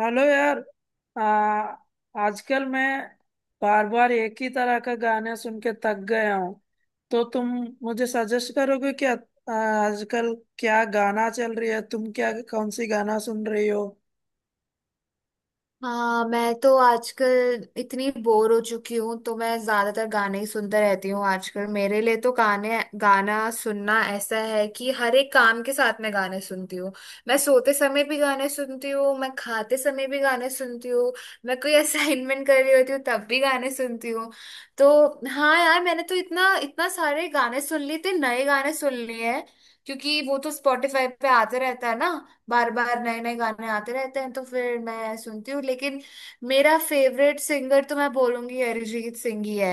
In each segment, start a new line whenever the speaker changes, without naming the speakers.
Hello यार। आ, आजकल मैं बार बार एक ही तरह का गाना सुन के थक गया हूँ। तो तुम मुझे सजेस्ट करोगे क्या? आजकल क्या गाना चल रही है, तुम क्या कौन सी गाना सुन रही हो?
हाँ, मैं तो आजकल इतनी बोर हो चुकी हूँ, तो मैं ज्यादातर गाने ही सुनते रहती हूँ। आजकल मेरे लिए तो गाने गाना सुनना ऐसा है कि हर एक काम के साथ मैं गाने सुनती हूँ। मैं सोते समय भी गाने सुनती हूँ, मैं खाते समय भी गाने सुनती हूँ। मैं कोई असाइनमेंट कर रही होती हूँ तब भी गाने सुनती हूँ। तो हाँ यार, मैंने तो इतना इतना सारे गाने सुन लिए थे, नए गाने सुन लिए हैं, क्योंकि वो तो स्पॉटिफाई पे आते रहता है ना। बार बार नए नए गाने आते रहते हैं, तो फिर मैं सुनती हूँ, लेकिन मेरा फेवरेट सिंगर तो मैं बोलूंगी अरिजीत सिंह ही है,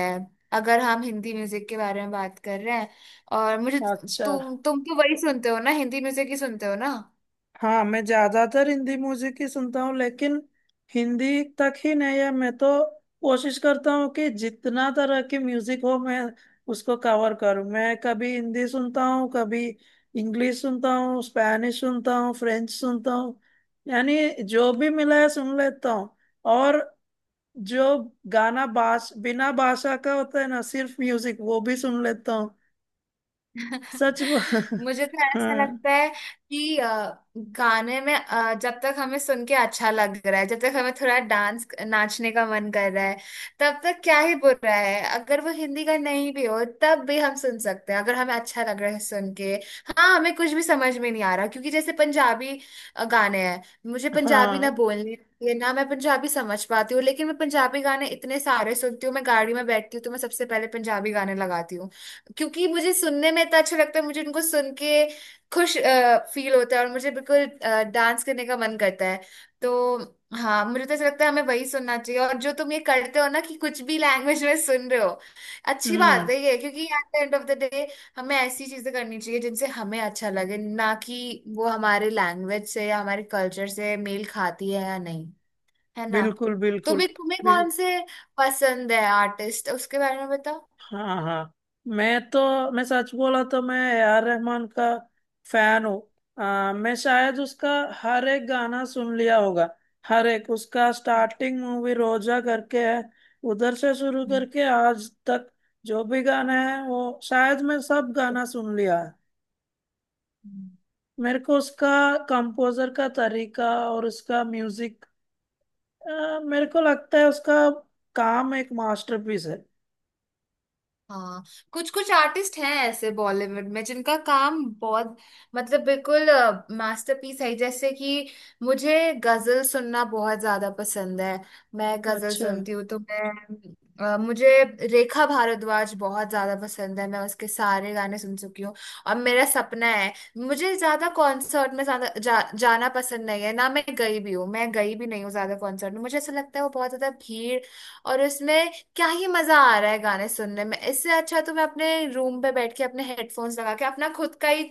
अगर हम हिंदी म्यूजिक के बारे में बात कर रहे हैं। और मुझे,
अच्छा।
तुम तो वही सुनते हो ना, हिंदी म्यूजिक ही सुनते हो ना।
हाँ, मैं ज्यादातर हिंदी म्यूजिक ही सुनता हूँ, लेकिन हिंदी तक ही नहीं है। मैं तो कोशिश करता हूँ कि जितना तरह की म्यूजिक हो मैं उसको कवर करूँ। मैं कभी हिंदी सुनता हूँ, कभी इंग्लिश सुनता हूँ, स्पैनिश सुनता हूँ, फ्रेंच सुनता हूँ, यानी जो भी मिला है सुन लेता हूँ। और जो गाना भाष बिना भाषा का होता है ना, सिर्फ म्यूजिक, वो भी सुन लेता हूँ। सच।
मुझे तो ऐसा
हाँ।
लगता है कि गाने में, जब तक हमें सुन के अच्छा लग रहा है, जब तक हमें थोड़ा डांस नाचने का मन कर रहा है, तब तक क्या ही बुरा है अगर वो हिंदी का नहीं भी हो, तब भी हम सुन सकते हैं अगर हमें अच्छा लग रहा है सुन के। हाँ, हमें कुछ भी समझ में नहीं आ रहा, क्योंकि जैसे पंजाबी गाने हैं। मुझे पंजाबी ना
हाँ।
बोलने आती है ना मैं पंजाबी समझ पाती हूँ, लेकिन मैं पंजाबी गाने इतने सारे सुनती हूँ। मैं गाड़ी में बैठती हूँ तो मैं सबसे पहले पंजाबी गाने लगाती हूँ, क्योंकि मुझे सुनने में इतना अच्छा लगता है, मुझे उनको सुन के खुश फील होता है, और मुझे बिल्कुल डांस करने का मन करता है। तो हाँ, मुझे तो ऐसा लगता है हमें वही सुनना चाहिए, और जो तुम ये करते हो ना कि कुछ भी लैंग्वेज में सुन रहे हो, अच्छी
हम्म।
बात है ये, क्योंकि at the end of the day हमें ऐसी चीजें करनी चाहिए जिनसे हमें अच्छा लगे, ना कि वो हमारे लैंग्वेज से या हमारे कल्चर से मेल खाती है या नहीं। है ना?
बिल्कुल बिल्कुल।
तुम्हें तुम्हें
बिल
कौन से पसंद है आर्टिस्ट, उसके बारे में बताओ।
हाँ हाँ। मैं सच बोला तो मैं ए आर रहमान का फैन हूँ। मैं शायद उसका हर एक गाना सुन लिया होगा। हर एक उसका स्टार्टिंग मूवी रोजा करके है, उधर से शुरू
हम्म,
करके आज तक जो भी गाना है वो शायद मैं सब गाना सुन लिया है। मेरे को उसका कंपोजर का तरीका और उसका म्यूजिक, मेरे को लगता है उसका काम एक मास्टरपीस है।
हाँ, कुछ कुछ आर्टिस्ट हैं ऐसे बॉलीवुड में जिनका काम बहुत, मतलब बिल्कुल मास्टरपीस है, जैसे कि मुझे गजल सुनना बहुत ज्यादा पसंद है। मैं गजल
अच्छा
सुनती हूँ तो मुझे रेखा भारद्वाज बहुत ज्यादा पसंद है, मैं उसके सारे गाने सुन चुकी हूँ। और मेरा सपना है, मुझे ज्यादा कॉन्सर्ट में ज्यादा जाना पसंद नहीं है ना। मैं गई भी हूँ, मैं गई भी नहीं हूँ ज्यादा कॉन्सर्ट में, मुझे ऐसा लगता है वो बहुत ज्यादा भीड़, और उसमें क्या ही मजा आ रहा है गाने सुनने में। इससे अच्छा तो मैं अपने रूम पे बैठ के अपने हेडफोन्स लगा के अपना खुद का ही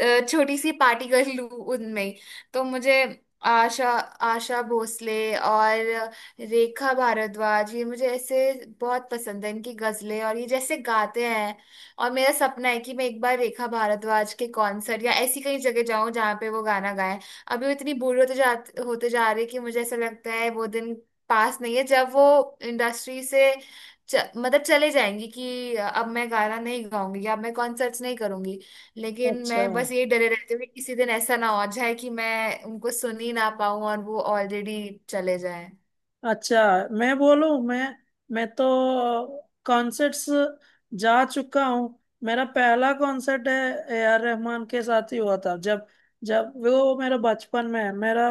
छोटी सी पार्टी कर लूं उनमें ही। तो मुझे आशा आशा भोसले और रेखा भारद्वाज, ये मुझे ऐसे बहुत पसंद है, इनकी गजलें और ये जैसे गाते हैं। और मेरा सपना है कि मैं एक बार रेखा भारद्वाज के कॉन्सर्ट या ऐसी कहीं जगह जाऊं जहाँ पे वो गाना गाएं। अभी वो इतनी बूढ़ी होते जा रही है कि मुझे ऐसा लगता है वो दिन पास नहीं है जब वो इंडस्ट्री से, मतलब, चले जाएंगी, कि अब मैं गाना नहीं गाऊंगी या अब मैं कॉन्सर्ट्स नहीं करूंगी। लेकिन
अच्छा।
मैं बस यही डरे रहती हूँ कि किसी दिन ऐसा ना हो जाए कि मैं उनको सुन ही ना पाऊं और वो ऑलरेडी चले जाए।
अच्छा, मैं बोलूं मैं मैं तो कॉन्सर्ट्स जा चुका हूँ। मेरा पहला कॉन्सर्ट है, ए आर रहमान के साथ ही हुआ था। जब जब वो मेरा बचपन में है, मेरा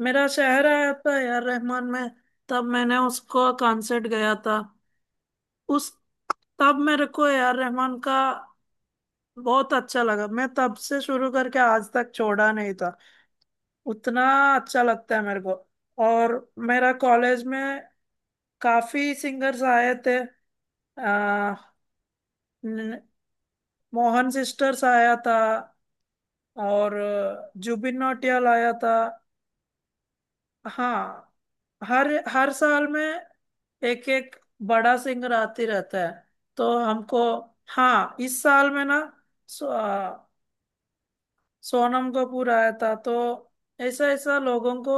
मेरा शहर आया था ए आर रहमान में, तब मैंने उसको कॉन्सर्ट गया था। उस तब मेरे को ए आर रहमान का बहुत अच्छा लगा, मैं तब से शुरू करके आज तक छोड़ा नहीं था। उतना अच्छा लगता है मेरे को। और मेरा कॉलेज में काफी सिंगर्स आए थे। आ, न- मोहन सिस्टर्स आया था, और जुबिन नौटियाल आया था। हाँ, हर हर साल में एक एक बड़ा सिंगर आते रहता है, तो हमको। हाँ, इस साल में ना, सो, अ, सोनम कपूर आया था। तो ऐसा ऐसा लोगों को,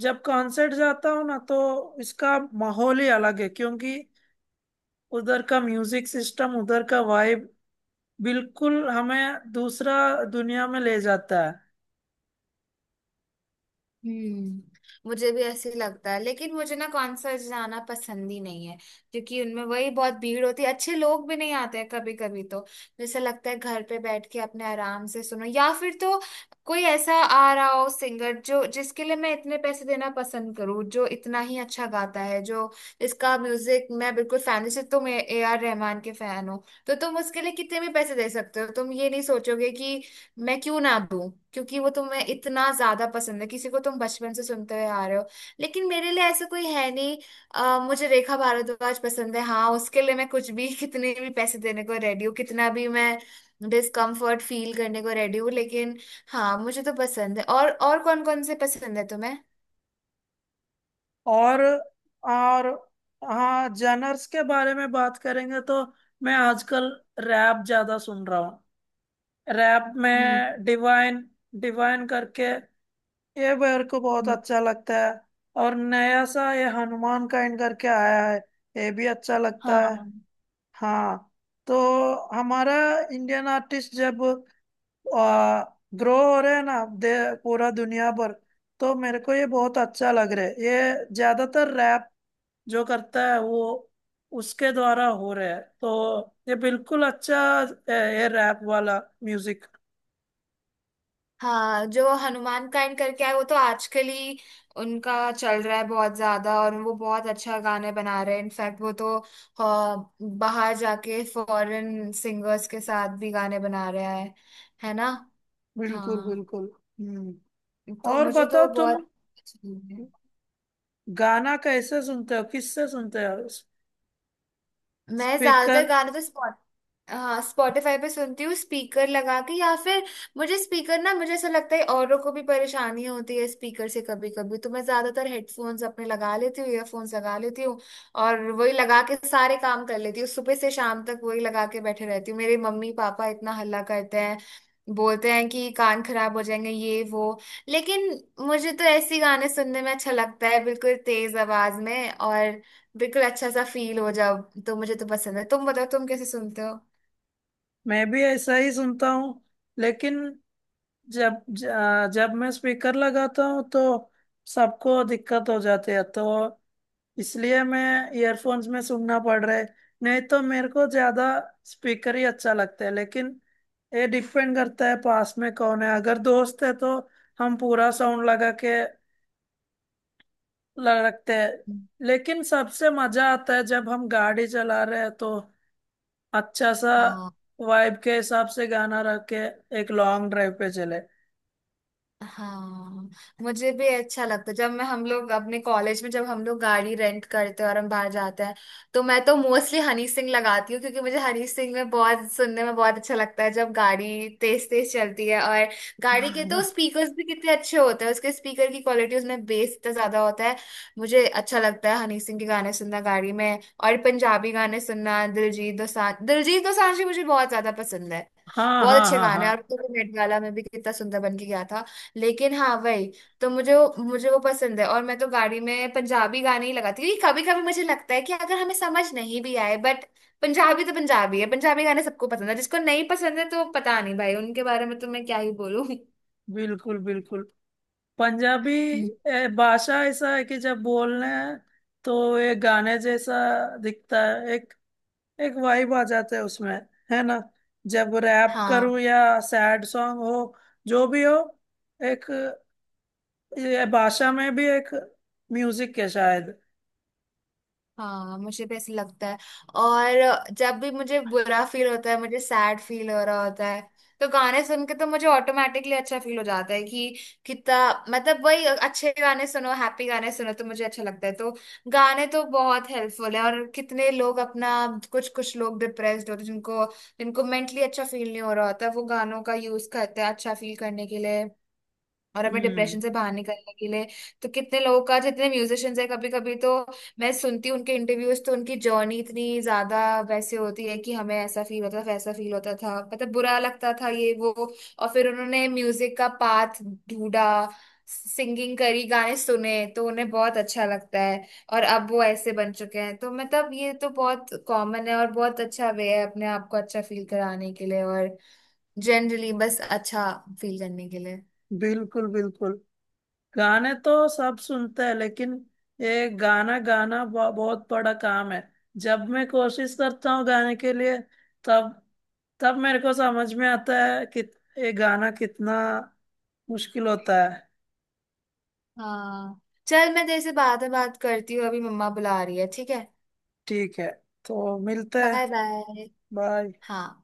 जब कॉन्सर्ट जाता हूँ ना तो इसका माहौल ही अलग है, क्योंकि उधर का म्यूजिक सिस्टम, उधर का वाइब, बिल्कुल हमें दूसरा दुनिया में ले जाता है।
मुझे भी ऐसे ही लगता है, लेकिन मुझे ना कॉन्सर्ट जाना पसंद ही नहीं है, क्योंकि उनमें वही बहुत भीड़ होती है, अच्छे लोग भी नहीं आते हैं कभी कभी, तो जैसे लगता है घर पे बैठ के अपने आराम से सुनो, या फिर तो कोई ऐसा आ रहा हो सिंगर जो, जिसके लिए मैं इतने पैसे देना पसंद करूँ, जो इतना ही अच्छा गाता है, जो इसका म्यूजिक, मैं बिल्कुल फैन, जैसे तुम ए आर रहमान के फैन हो, तो तुम उसके लिए कितने भी पैसे दे सकते हो। तुम ये नहीं सोचोगे कि मैं क्यों ना दूं, क्योंकि वो तुम्हें इतना ज्यादा पसंद है, किसी को तुम बचपन से सुनते हुए आ रहे हो। लेकिन मेरे लिए ऐसा कोई है नहीं। मुझे रेखा भारद्वाज पसंद है, हाँ उसके लिए मैं कुछ भी कितने भी पैसे देने को रेडी हूँ, कितना भी मैं डिस्कम्फर्ट फील करने को रेडी हूँ, लेकिन हाँ, मुझे तो पसंद है। और कौन कौन से पसंद है तुम्हें?
और और हाँ, जनर्स के बारे में बात करेंगे तो मैं आजकल रैप ज्यादा सुन रहा हूँ। रैप
हम्म,
में डिवाइन, डिवाइन करके, ये मेरे को बहुत
हम्म,
अच्छा लगता है। और नया सा ये हनुमान काइंड करके आया है, ये भी अच्छा लगता है।
हाँ,
हाँ, तो हमारा इंडियन आर्टिस्ट जब ग्रो हो रहे हैं ना, दे पूरा दुनिया पर, तो मेरे को ये बहुत अच्छा लग रहा है। ये ज्यादातर रैप जो करता है वो उसके द्वारा हो रहा है, तो ये बिल्कुल अच्छा है ये रैप वाला म्यूजिक।
हाँ, जो हनुमान काइंड करके आए वो तो आजकल ही उनका चल रहा है बहुत ज्यादा, और वो बहुत अच्छा गाने बना रहे हैं। इनफैक्ट वो तो बाहर जाके फॉरेन सिंगर्स के साथ भी गाने बना रहा है ना?
बिल्कुल
हाँ,
बिल्कुल। हम्म।
तो
और
मुझे
बताओ,
तो बहुत
तुम
अच्छे लगे।
गाना कैसे सुनते हो, किससे सुनते हो?
मैं
स्पीकर?
ज्यादातर गाने तो, हाँ, स्पॉटिफाई पे सुनती हूँ स्पीकर लगा के, या फिर मुझे स्पीकर ना, मुझे ऐसा लगता है औरों को भी परेशानी होती है स्पीकर से कभी कभी, तो मैं ज्यादातर हेडफोन्स अपने लगा लेती हूँ, ईयरफोन्स लगा लेती हूँ, और वही लगा के सारे काम कर लेती हूँ। सुबह से शाम तक वही लगा के बैठे रहती हूँ, मेरे मम्मी पापा इतना हल्ला करते हैं, बोलते हैं कि कान खराब हो जाएंगे ये वो, लेकिन मुझे तो ऐसी गाने सुनने में अच्छा लगता है बिल्कुल तेज आवाज में, और बिल्कुल अच्छा सा फील हो जाओ। तो मुझे तो पसंद है, तुम बताओ तुम कैसे सुनते हो?
मैं भी ऐसा ही सुनता हूँ, लेकिन जब मैं स्पीकर लगाता हूँ तो सबको दिक्कत हो जाती है, तो इसलिए मैं ईयरफोन्स में सुनना पड़ रहा है। नहीं तो मेरे को ज्यादा स्पीकर ही अच्छा लगता है। लेकिन ये डिपेंड करता है पास में कौन है। अगर दोस्त है तो हम पूरा साउंड लगा के रखते हैं। लेकिन सबसे मजा आता है जब हम गाड़ी चला रहे हैं, तो अच्छा सा
हाँ,
वाइब के हिसाब से गाना रख के एक लॉन्ग ड्राइव पे चले।
हाँ, मुझे भी अच्छा लगता है जब मैं, हम लोग अपने कॉलेज में जब हम लोग गाड़ी रेंट करते हैं और हम बाहर जाते हैं, तो मैं तो मोस्टली हनी सिंह लगाती हूँ, क्योंकि मुझे हनी सिंह में बहुत, सुनने में बहुत अच्छा लगता है जब गाड़ी तेज तेज चलती है, और गाड़ी के तो स्पीकर्स भी कितने अच्छे होते हैं, उसके स्पीकर की क्वालिटी, उसमें बेस इतना ज्यादा होता है। मुझे अच्छा लगता है हनी सिंह के गाने सुनना गाड़ी में, और पंजाबी गाने सुनना। दिलजीत दोसांझ, दिलजीत दोसांझ भी मुझे बहुत ज्यादा पसंद है,
हाँ
बहुत
हाँ
अच्छे
हाँ
गाने हैं, और
हाँ।
वो तो नेट गाला में भी कितना सुंदर बन के गया था। लेकिन हाँ वही, तो मुझे वो पसंद है, और मैं तो गाड़ी में पंजाबी गाने ही लगाती हूँ। कभी कभी मुझे लगता है कि अगर हमें समझ नहीं भी आए बट, पंजाबी तो पंजाबी है, पंजाबी गाने सबको पसंद है, जिसको नहीं पसंद है तो पता नहीं भाई, उनके बारे में तो मैं क्या ही बोलूँ।
बिल्कुल बिल्कुल। पंजाबी,
हम्म।
भाषा ऐसा है कि जब बोलने हैं तो एक गाने जैसा दिखता है। एक एक वाइब आ जाता है उसमें, है ना? जब रैप
हाँ,
करूं या सैड सॉन्ग हो, जो भी हो, एक ये भाषा में भी एक म्यूजिक है शायद।
हाँ, मुझे भी ऐसे लगता है, और जब भी मुझे बुरा फील होता है, मुझे सैड फील हो रहा होता है, तो गाने सुन के तो मुझे ऑटोमेटिकली अच्छा फील हो जाता है कि कितना, मतलब वही अच्छे गाने सुनो, हैप्पी गाने सुनो तो मुझे अच्छा लगता है। तो गाने तो बहुत हेल्पफुल है, और कितने लोग अपना, कुछ कुछ लोग डिप्रेस्ड होते हैं, जिनको जिनको मेंटली अच्छा फील नहीं हो रहा होता, वो गानों का यूज करते हैं अच्छा फील करने के लिए, और हमें
हम्म।
डिप्रेशन से बाहर निकलने के लिए। तो कितने लोगों का, जितने म्यूजिशियंस है, कभी कभी तो मैं सुनती हूँ उनके इंटरव्यूज, तो उनकी जर्नी इतनी ज्यादा वैसे होती है कि हमें ऐसा फील होता था, वैसा फील होता था, मतलब बुरा लगता था ये वो, और फिर उन्होंने म्यूजिक का पाथ ढूंढा, सिंगिंग करी, गाने सुने तो उन्हें बहुत अच्छा लगता है, और अब वो ऐसे बन चुके हैं। तो मतलब ये तो बहुत कॉमन है, और बहुत अच्छा वे है अपने आप को अच्छा फील कराने के लिए, और जनरली बस अच्छा फील करने के लिए।
बिल्कुल बिल्कुल। गाने तो सब सुनते हैं, लेकिन ये गाना गाना बहुत बड़ा काम है। जब मैं कोशिश करता हूँ गाने के लिए, तब तब मेरे को समझ में आता है कि ये गाना कितना मुश्किल होता है।
हाँ, चल मैं तेरे से बाद में बात करती हूँ, अभी मम्मा बुला रही है, ठीक है?
ठीक है, तो मिलते हैं।
Bye bye.
बाय।
हाँ।